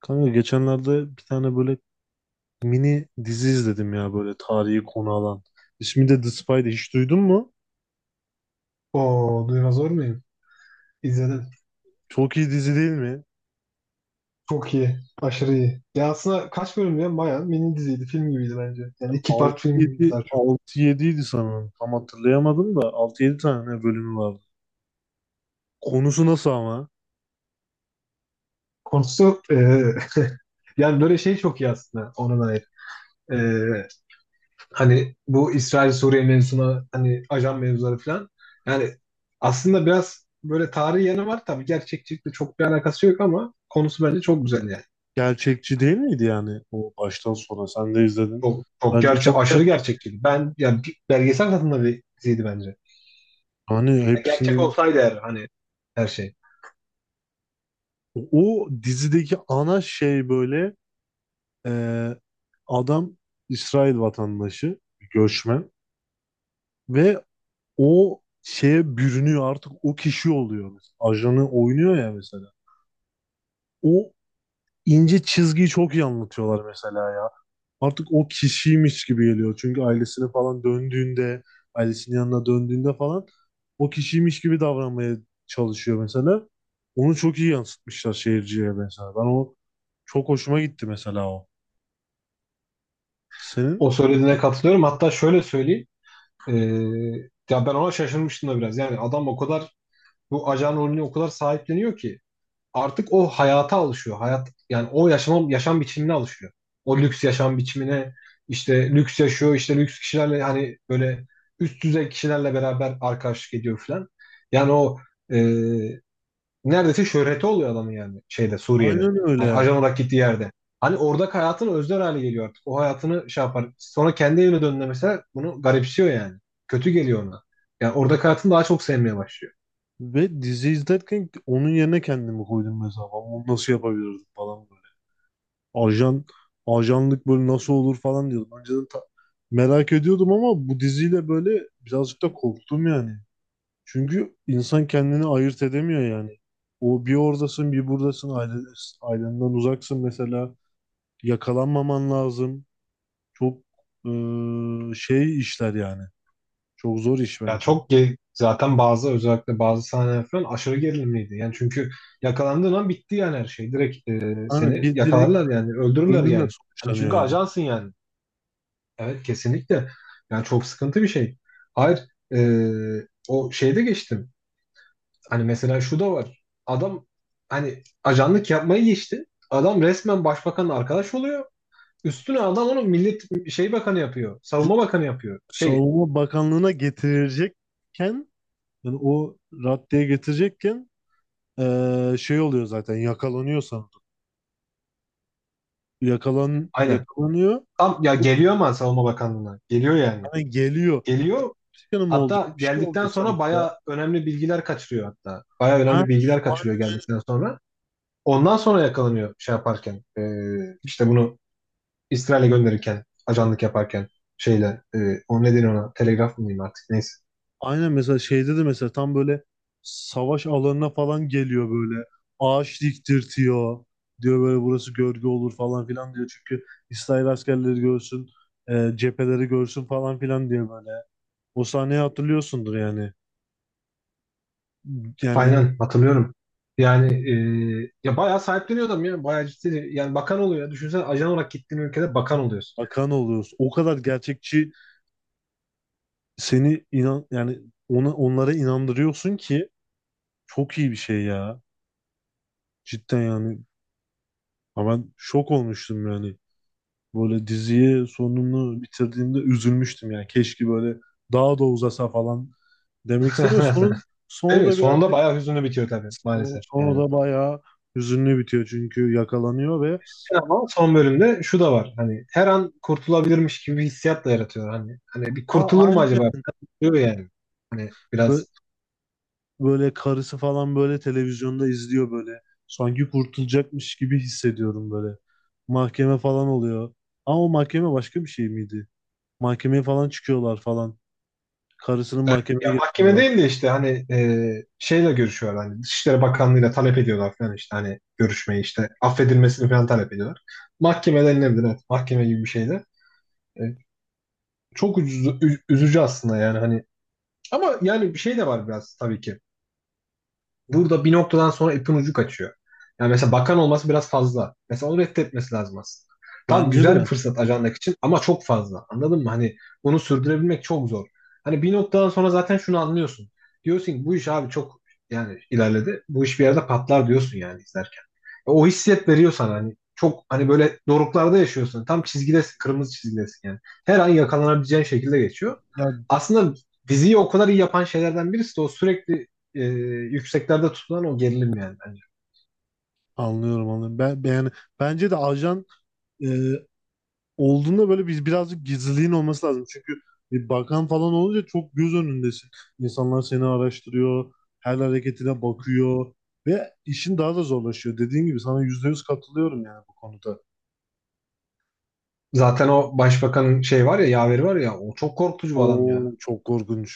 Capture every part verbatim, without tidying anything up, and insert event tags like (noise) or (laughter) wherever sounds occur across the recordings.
Kanka geçenlerde bir tane böyle mini dizi izledim ya böyle tarihi konu alan. İsmi de The Spy'di. Hiç duydun mu? Oo, duymaz olur muyum? İzledim. Çok iyi dizi değil mi? Çok iyi. Aşırı iyi. Ya aslında kaç bölüm ya? Bayağı mini diziydi. Film gibiydi bence. Yani iki part Altı film gibiydi yedi daha çok. altı yediydi sanırım. Tam hatırlayamadım da altı yedi tane bölümü vardı. Konusu nasıl ama? Konusu e, (laughs) yani böyle şey çok iyi aslında ona dair. E, Hani bu İsrail-Suriye mevzuna hani ajan mevzuları falan. Yani aslında biraz böyle tarihi yanı var. Tabii gerçekçilikle çok bir alakası yok ama konusu bence çok güzel yani. Gerçekçi değil miydi yani o baştan sona? Sen de izledin. Çok, çok Bence gerçe çok Aşırı gerçek. gerçekçi. Ben yani bir belgesel tadında bir diziydi bence. Hani Ya gerçek hepsinin olsaydı eğer hani her şey. o dizideki ana şey böyle e, adam İsrail vatandaşı, göçmen ve o şeye bürünüyor artık o kişi oluyor mesela. Ajanı oynuyor ya mesela. O ince çizgiyi çok iyi anlatıyorlar mesela ya. Artık o kişiymiş gibi geliyor. Çünkü ailesine falan döndüğünde, ailesinin yanına döndüğünde falan o kişiymiş gibi davranmaya çalışıyor mesela. Onu çok iyi yansıtmışlar seyirciye mesela. Ben o çok hoşuma gitti mesela o. Senin O söylediğine katılıyorum. Hatta şöyle söyleyeyim. Ee, Ya ben ona şaşırmıştım da biraz. Yani adam o kadar bu ajan rolünü o kadar sahipleniyor ki artık o hayata alışıyor. Hayat yani o yaşam yaşam biçimine alışıyor. O lüks yaşam biçimine işte lüks yaşıyor, işte lüks kişilerle hani böyle üst düzey kişilerle beraber arkadaşlık ediyor falan. Yani o e, neredeyse şöhreti oluyor adamın yani şeyde Suriye'de. aynen Hani öyle. ajan olarak gittiği yerde. Hani oradaki hayatını özler hale geliyor artık. O hayatını şey yapar. Sonra kendi evine döndüğünde mesela bunu garipsiyor yani. Kötü geliyor ona. Yani oradaki hayatını daha çok sevmeye başlıyor. Ve dizi izlerken onun yerine kendimi koydum mesela. Ben bunu nasıl yapabilirdim falan ajan ajanlık böyle nasıl olur falan diyordum. Önceden ta- merak ediyordum ama bu diziyle böyle birazcık da korktum yani. Çünkü insan kendini ayırt edemiyor yani. O bir oradasın bir buradasın aile, ailenden uzaksın mesela yakalanmaman lazım. Çok eee, şey işler yani. Çok zor iş Ya bence. Çok ge- zaten bazı özellikle bazı sahneler falan aşırı gerilimliydi. Yani çünkü yakalandığın an bitti yani her şey. Direkt e, Hani seni bir direkt yakalarlar yani öldürürler ölümle yani. Hani sonuçlanıyor çünkü yani. ajansın yani. Evet, kesinlikle. Yani çok sıkıntı bir şey. Hayır, e, o şeyde geçtim. Hani mesela şu da var. Adam hani ajanlık yapmayı geçti. Adam resmen başbakanla arkadaş oluyor. Üstüne adam onu millet şey bakanı yapıyor. C- Savunma bakanı yapıyor. Şey, Savunma Bakanlığı'na getirecekken yani o raddeye getirecekken Ee, şey oluyor zaten yakalanıyor sanırım. Yakalan, aynen. yakalanıyor. Tam ya Bu geliyor ama savunma bakanlığına. Geliyor yani. hani geliyor. Geliyor. Bir şey mi olacak? Hatta Bir şey geldikten olacak sonra sanki ya. baya önemli bilgiler kaçırıyor hatta. Baya Ha, önemli bilgiler kaçırıyor aynen, geldikten sonra. Ondan sonra yakalanıyor şey yaparken. Ee, işte bunu İsrail'e gönderirken, ajanlık yaparken şeyle. E, o ne deniyor ona, telegraf mıyım artık neyse. aynen mesela şeyde de mesela tam böyle savaş alanına falan geliyor böyle. Ağaç diktirtiyor. Diyor böyle burası gölge olur falan filan diyor. Çünkü İsrail askerleri görsün, e, cepheleri görsün falan filan diye böyle. O sahneyi hatırlıyorsundur yani. Yani Aynen hatırlıyorum. Yani e, ya bayağı sahipleniyor adam ya. Bayağı ciddi. Yani bakan oluyor ya. Düşünsene ajan olarak gittiğin ülkede bakan oluyorsun. bakan oluyoruz. O kadar gerçekçi seni inan yani ona onlara inandırıyorsun ki çok iyi bir şey ya. Cidden yani. Ha ben şok olmuştum yani. Böyle diziyi sonunu bitirdiğimde üzülmüştüm yani. Keşke böyle daha da uzasa falan demek istemiyorum. Sonu, (laughs) Değil sonu mi? da Sonunda birazcık bayağı hüzünlü bitiyor tabii maalesef sonu yani. da bayağı hüzünlü bitiyor çünkü yakalanıyor ve Ama son bölümde şu da var. Hani her an kurtulabilirmiş gibi bir hissiyat da yaratıyor. Hani hani bir Aa, kurtulur mu aynı acaba? Diyor yani. Hani biraz böyle karısı falan böyle televizyonda izliyor böyle. Sanki kurtulacakmış gibi hissediyorum böyle. Mahkeme falan oluyor. Ama o mahkeme başka bir şey miydi? Mahkemeye falan çıkıyorlar falan. Karısının evet, mahkemeye ya mahkeme getiriyorlar. değil de işte hani e, şeyle görüşüyorlar, hani Dışişleri Bakanlığı'yla talep ediyorlar falan, işte hani görüşmeyi, işte affedilmesini falan talep ediyorlar. Mahkeme denilebilir, evet, mahkeme gibi bir şeyde. E, Çok üzücü, ü- üzücü aslında yani hani ama yani bir şey de var biraz tabii ki. Burada bir noktadan sonra ipin ucu kaçıyor. Yani mesela bakan olması biraz fazla. Mesela onu reddetmesi lazım aslında. Tamam, Bence güzel bir de. fırsat ajandak için ama çok fazla. Anladın mı? Hani bunu sürdürebilmek çok zor. Hani bir noktadan sonra zaten şunu anlıyorsun. Diyorsun ki bu iş abi çok yani ilerledi. Bu iş bir yerde patlar diyorsun yani izlerken. E, O hissiyet veriyor sana hani. Çok hani böyle doruklarda yaşıyorsun. Tam çizgidesin, kırmızı çizgidesin yani. Her an yakalanabileceğin şekilde geçiyor. Ya, Aslında diziyi o kadar iyi yapan şeylerden birisi de o sürekli e, yükseklerde tutulan o gerilim yani bence. anlıyorum anlıyorum. Ben, ben- yani bence de ajan e, olduğunda böyle biz birazcık gizliliğin olması lazım. Çünkü bir bakan falan olunca çok göz önündesin. İnsanlar seni araştırıyor, her hareketine bakıyor ve işin daha da zorlaşıyor. Dediğim gibi sana yüzde yüz katılıyorum yani bu konuda. Zaten o başbakanın şey var ya, yaveri var ya, o çok korkutucu bir adam O ya. çok korkunç.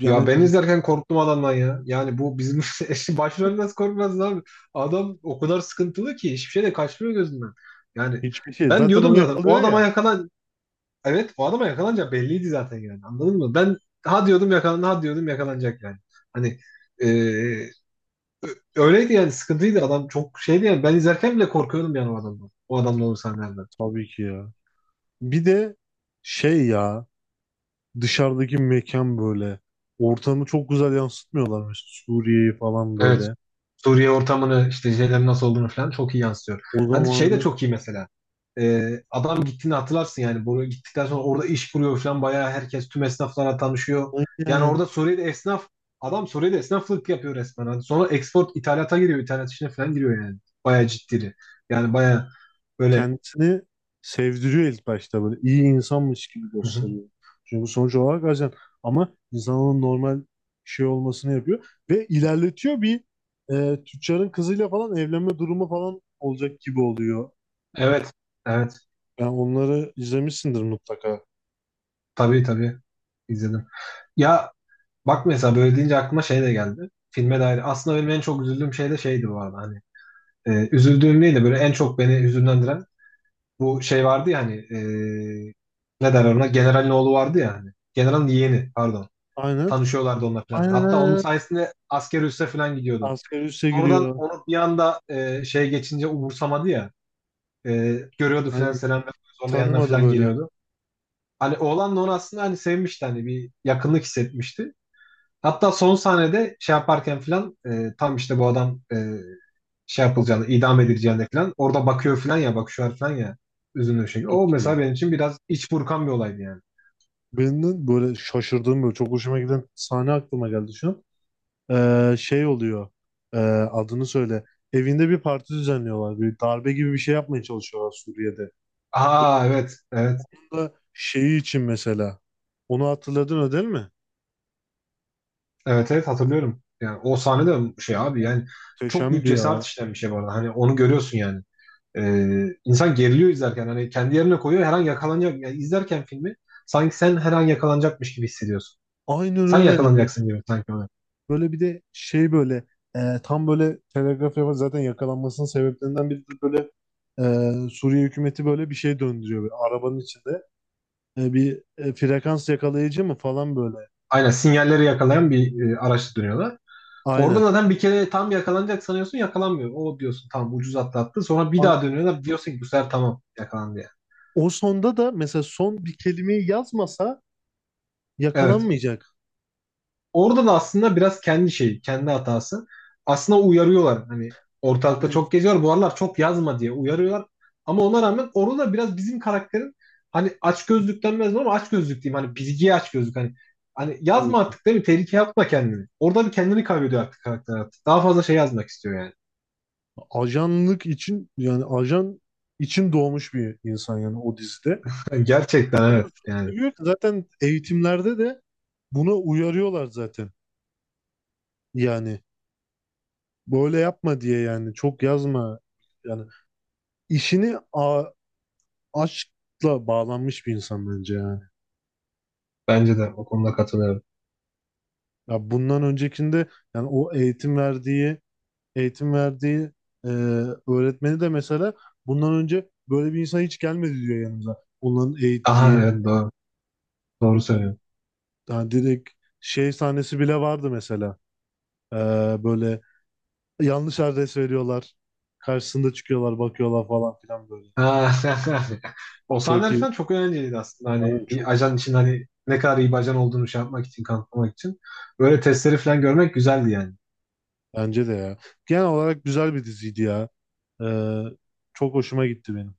Yani Ya ben bi- izlerken korktum adamdan ya. Yani bu bizim (laughs) eşi başrol nasıl korkmaz abi. Adam o kadar sıkıntılı ki hiçbir şey de kaçmıyor gözünden. Yani hiçbir şey. ben Zaten o diyordum zaten o yakalıyor adama ya. yakalan, evet, o adama yakalanacak belliydi zaten yani, anladın mı? Ben ha diyordum yakalan, ha diyordum yakalanacak yani. Hani e, öyleydi yani, sıkıntıydı adam, çok şeydi yani, ben izlerken bile korkuyordum yani o adamdan. O adamla olan sahnelerden. Tabii ki ya. Bir de şey ya dışarıdaki mekan böyle. Ortamı çok güzel yansıtmıyorlar mesela Suriye'yi falan Evet. böyle. Suriye ortamını, işte şeylerin nasıl olduğunu falan çok iyi yansıtıyor. O Hadi şey de zamanı çok iyi mesela. Ee, adam gittiğini hatırlarsın yani. Buraya gittikten sonra orada iş kuruyor falan. Bayağı herkes, tüm esnaflara tanışıyor. Yani aynen. orada Suriye'de esnaf, adam Suriye'de esnaflık yapıyor resmen. Hadi sonra export ithalata giriyor. İthalat işine falan giriyor yani. Bayağı ciddi. Yani bayağı böyle Kendisini sevdiriyor ilk başta böyle iyi insanmış gibi hı hı, gösteriyor. Çünkü sonuç olarak ajan ama insanın normal şey olmasını yapıyor ve ilerletiyor bir e, tüccarın kızıyla falan evlenme durumu falan olacak gibi oluyor. evet, evet, Yani onları izlemişsindir mutlaka. tabii, tabii, izledim. Ya bak, mesela böyle deyince aklıma şey de geldi. Filme dair. Aslında benim en çok üzüldüğüm şey de şeydi bu arada. Hani e, üzüldüğüm değil de böyle en çok beni hüzünlendiren bu şey vardı ya, hani e, ne derler ona, generalin oğlu vardı ya, hani generalin yeğeni pardon, Aynen. tanışıyorlardı onlar falan. Aynen Hatta onun aynen. sayesinde asker üsse falan gidiyordu. Asgari üste Sonradan giriyor. onu bir anda e, şey geçince umursamadı ya, e, görüyordu falan, Aynen. selam veriyordu, sonra yanına Tanımadı falan böyle. geliyordu. Hani oğlan da onu aslında hani sevmişti, hani bir yakınlık hissetmişti. Hatta son sahnede şey yaparken falan, e, tam işte bu adam, e, şey Bak, yapılacağını, idam edileceğini falan. Orada bakıyor falan ya, bak bakışıyor falan ya. Üzünlü bir şekilde. O çok mesela iyi. benim için biraz iç burkan bir olaydı yani. Benim böyle şaşırdığım böyle çok hoşuma giden sahne aklıma geldi şu an. Ee, şey oluyor. Ee, Adını söyle. Evinde bir parti düzenliyorlar. Bir darbe gibi bir şey yapmaya çalışıyorlar Suriye'de. Aa evet, evet, Bu da şeyi için mesela. Onu hatırladın o değil mi? evet, evet hatırlıyorum. Yani o sahne de şey abi yani çok büyük Muhteşemdi cesaret ya. işleyen bir şey bu arada. Hani onu görüyorsun yani. Ee, insan geriliyor izlerken, hani kendi yerine koyuyor, her an yakalanacak. Yani izlerken filmi sanki sen her an yakalanacakmış gibi hissediyorsun. Aynen Sen öyle yani. yakalanacaksın gibi sanki ona. Böyle bir de şey böyle e, tam böyle telgraf yapar zaten yakalanmasının sebeplerinden biri de böyle e, Suriye hükümeti böyle bir şey döndürüyor. Böyle arabanın içinde E, bir e, frekans yakalayıcı mı falan böyle. Aynen, sinyalleri yakalayan bir e, araçla dönüyorlar. Orada Aynen. zaten bir kere tam yakalanacak sanıyorsun, yakalanmıyor. O diyorsun tamam, ucuz atlattı. Sonra bir daha A- dönüyorlar, diyorsun ki bu sefer tamam, yakalandı yani. O sonda da mesela son bir kelimeyi yazmasa Evet. yakalanmayacak. Orada da aslında biraz kendi şeyi, kendi hatası. Aslında uyarıyorlar. Hani ortalıkta Aynen. çok geziyor. Bu aralar çok yazma diye uyarıyorlar. Ama ona rağmen orada da biraz bizim karakterin, hani aç gözlük denmez mi, ama aç gözlük diyeyim. Hani bilgiye aç gözlük. Hani hani Tabii yazma ki. artık değil mi? Tehlikeye atma kendini. Orada bir kendini kaybediyor artık karakter artık. Daha fazla şey yazmak istiyor yani. Ajanlık için yani ajan için doğmuş bir insan yani o dizide. (laughs) O Gerçekten kadar evet. çok Yani seviyor ki zaten eğitimlerde de buna uyarıyorlar zaten. Yani böyle yapma diye yani çok yazma. Yani işini a aşkla bağlanmış bir insan bence yani. bence de o konuda katılıyorum. Ya bundan öncekinde yani o eğitim verdiği eğitim verdiği e, öğretmeni de mesela bundan önce böyle bir insan hiç gelmedi diyor yanımıza. Onların Aha eğittiği evet doğru. Doğru yani, söylüyorsun. yani direkt şey sahnesi bile vardı mesela. E, Böyle yanlış adres veriyorlar. Karşısında çıkıyorlar, bakıyorlar falan filan böyle. Ha, (laughs) o Çok sahneler iyi. falan çok eğlenceliydi aslında. Hani Aynen bir çok ajan için, hani ne kadar iyi bir ajan olduğunu şey yapmak için, kanıtlamak için. Böyle testleri falan görmek güzeldi yani. bence de ya. Genel olarak güzel bir diziydi ya. E, Çok hoşuma gitti benim.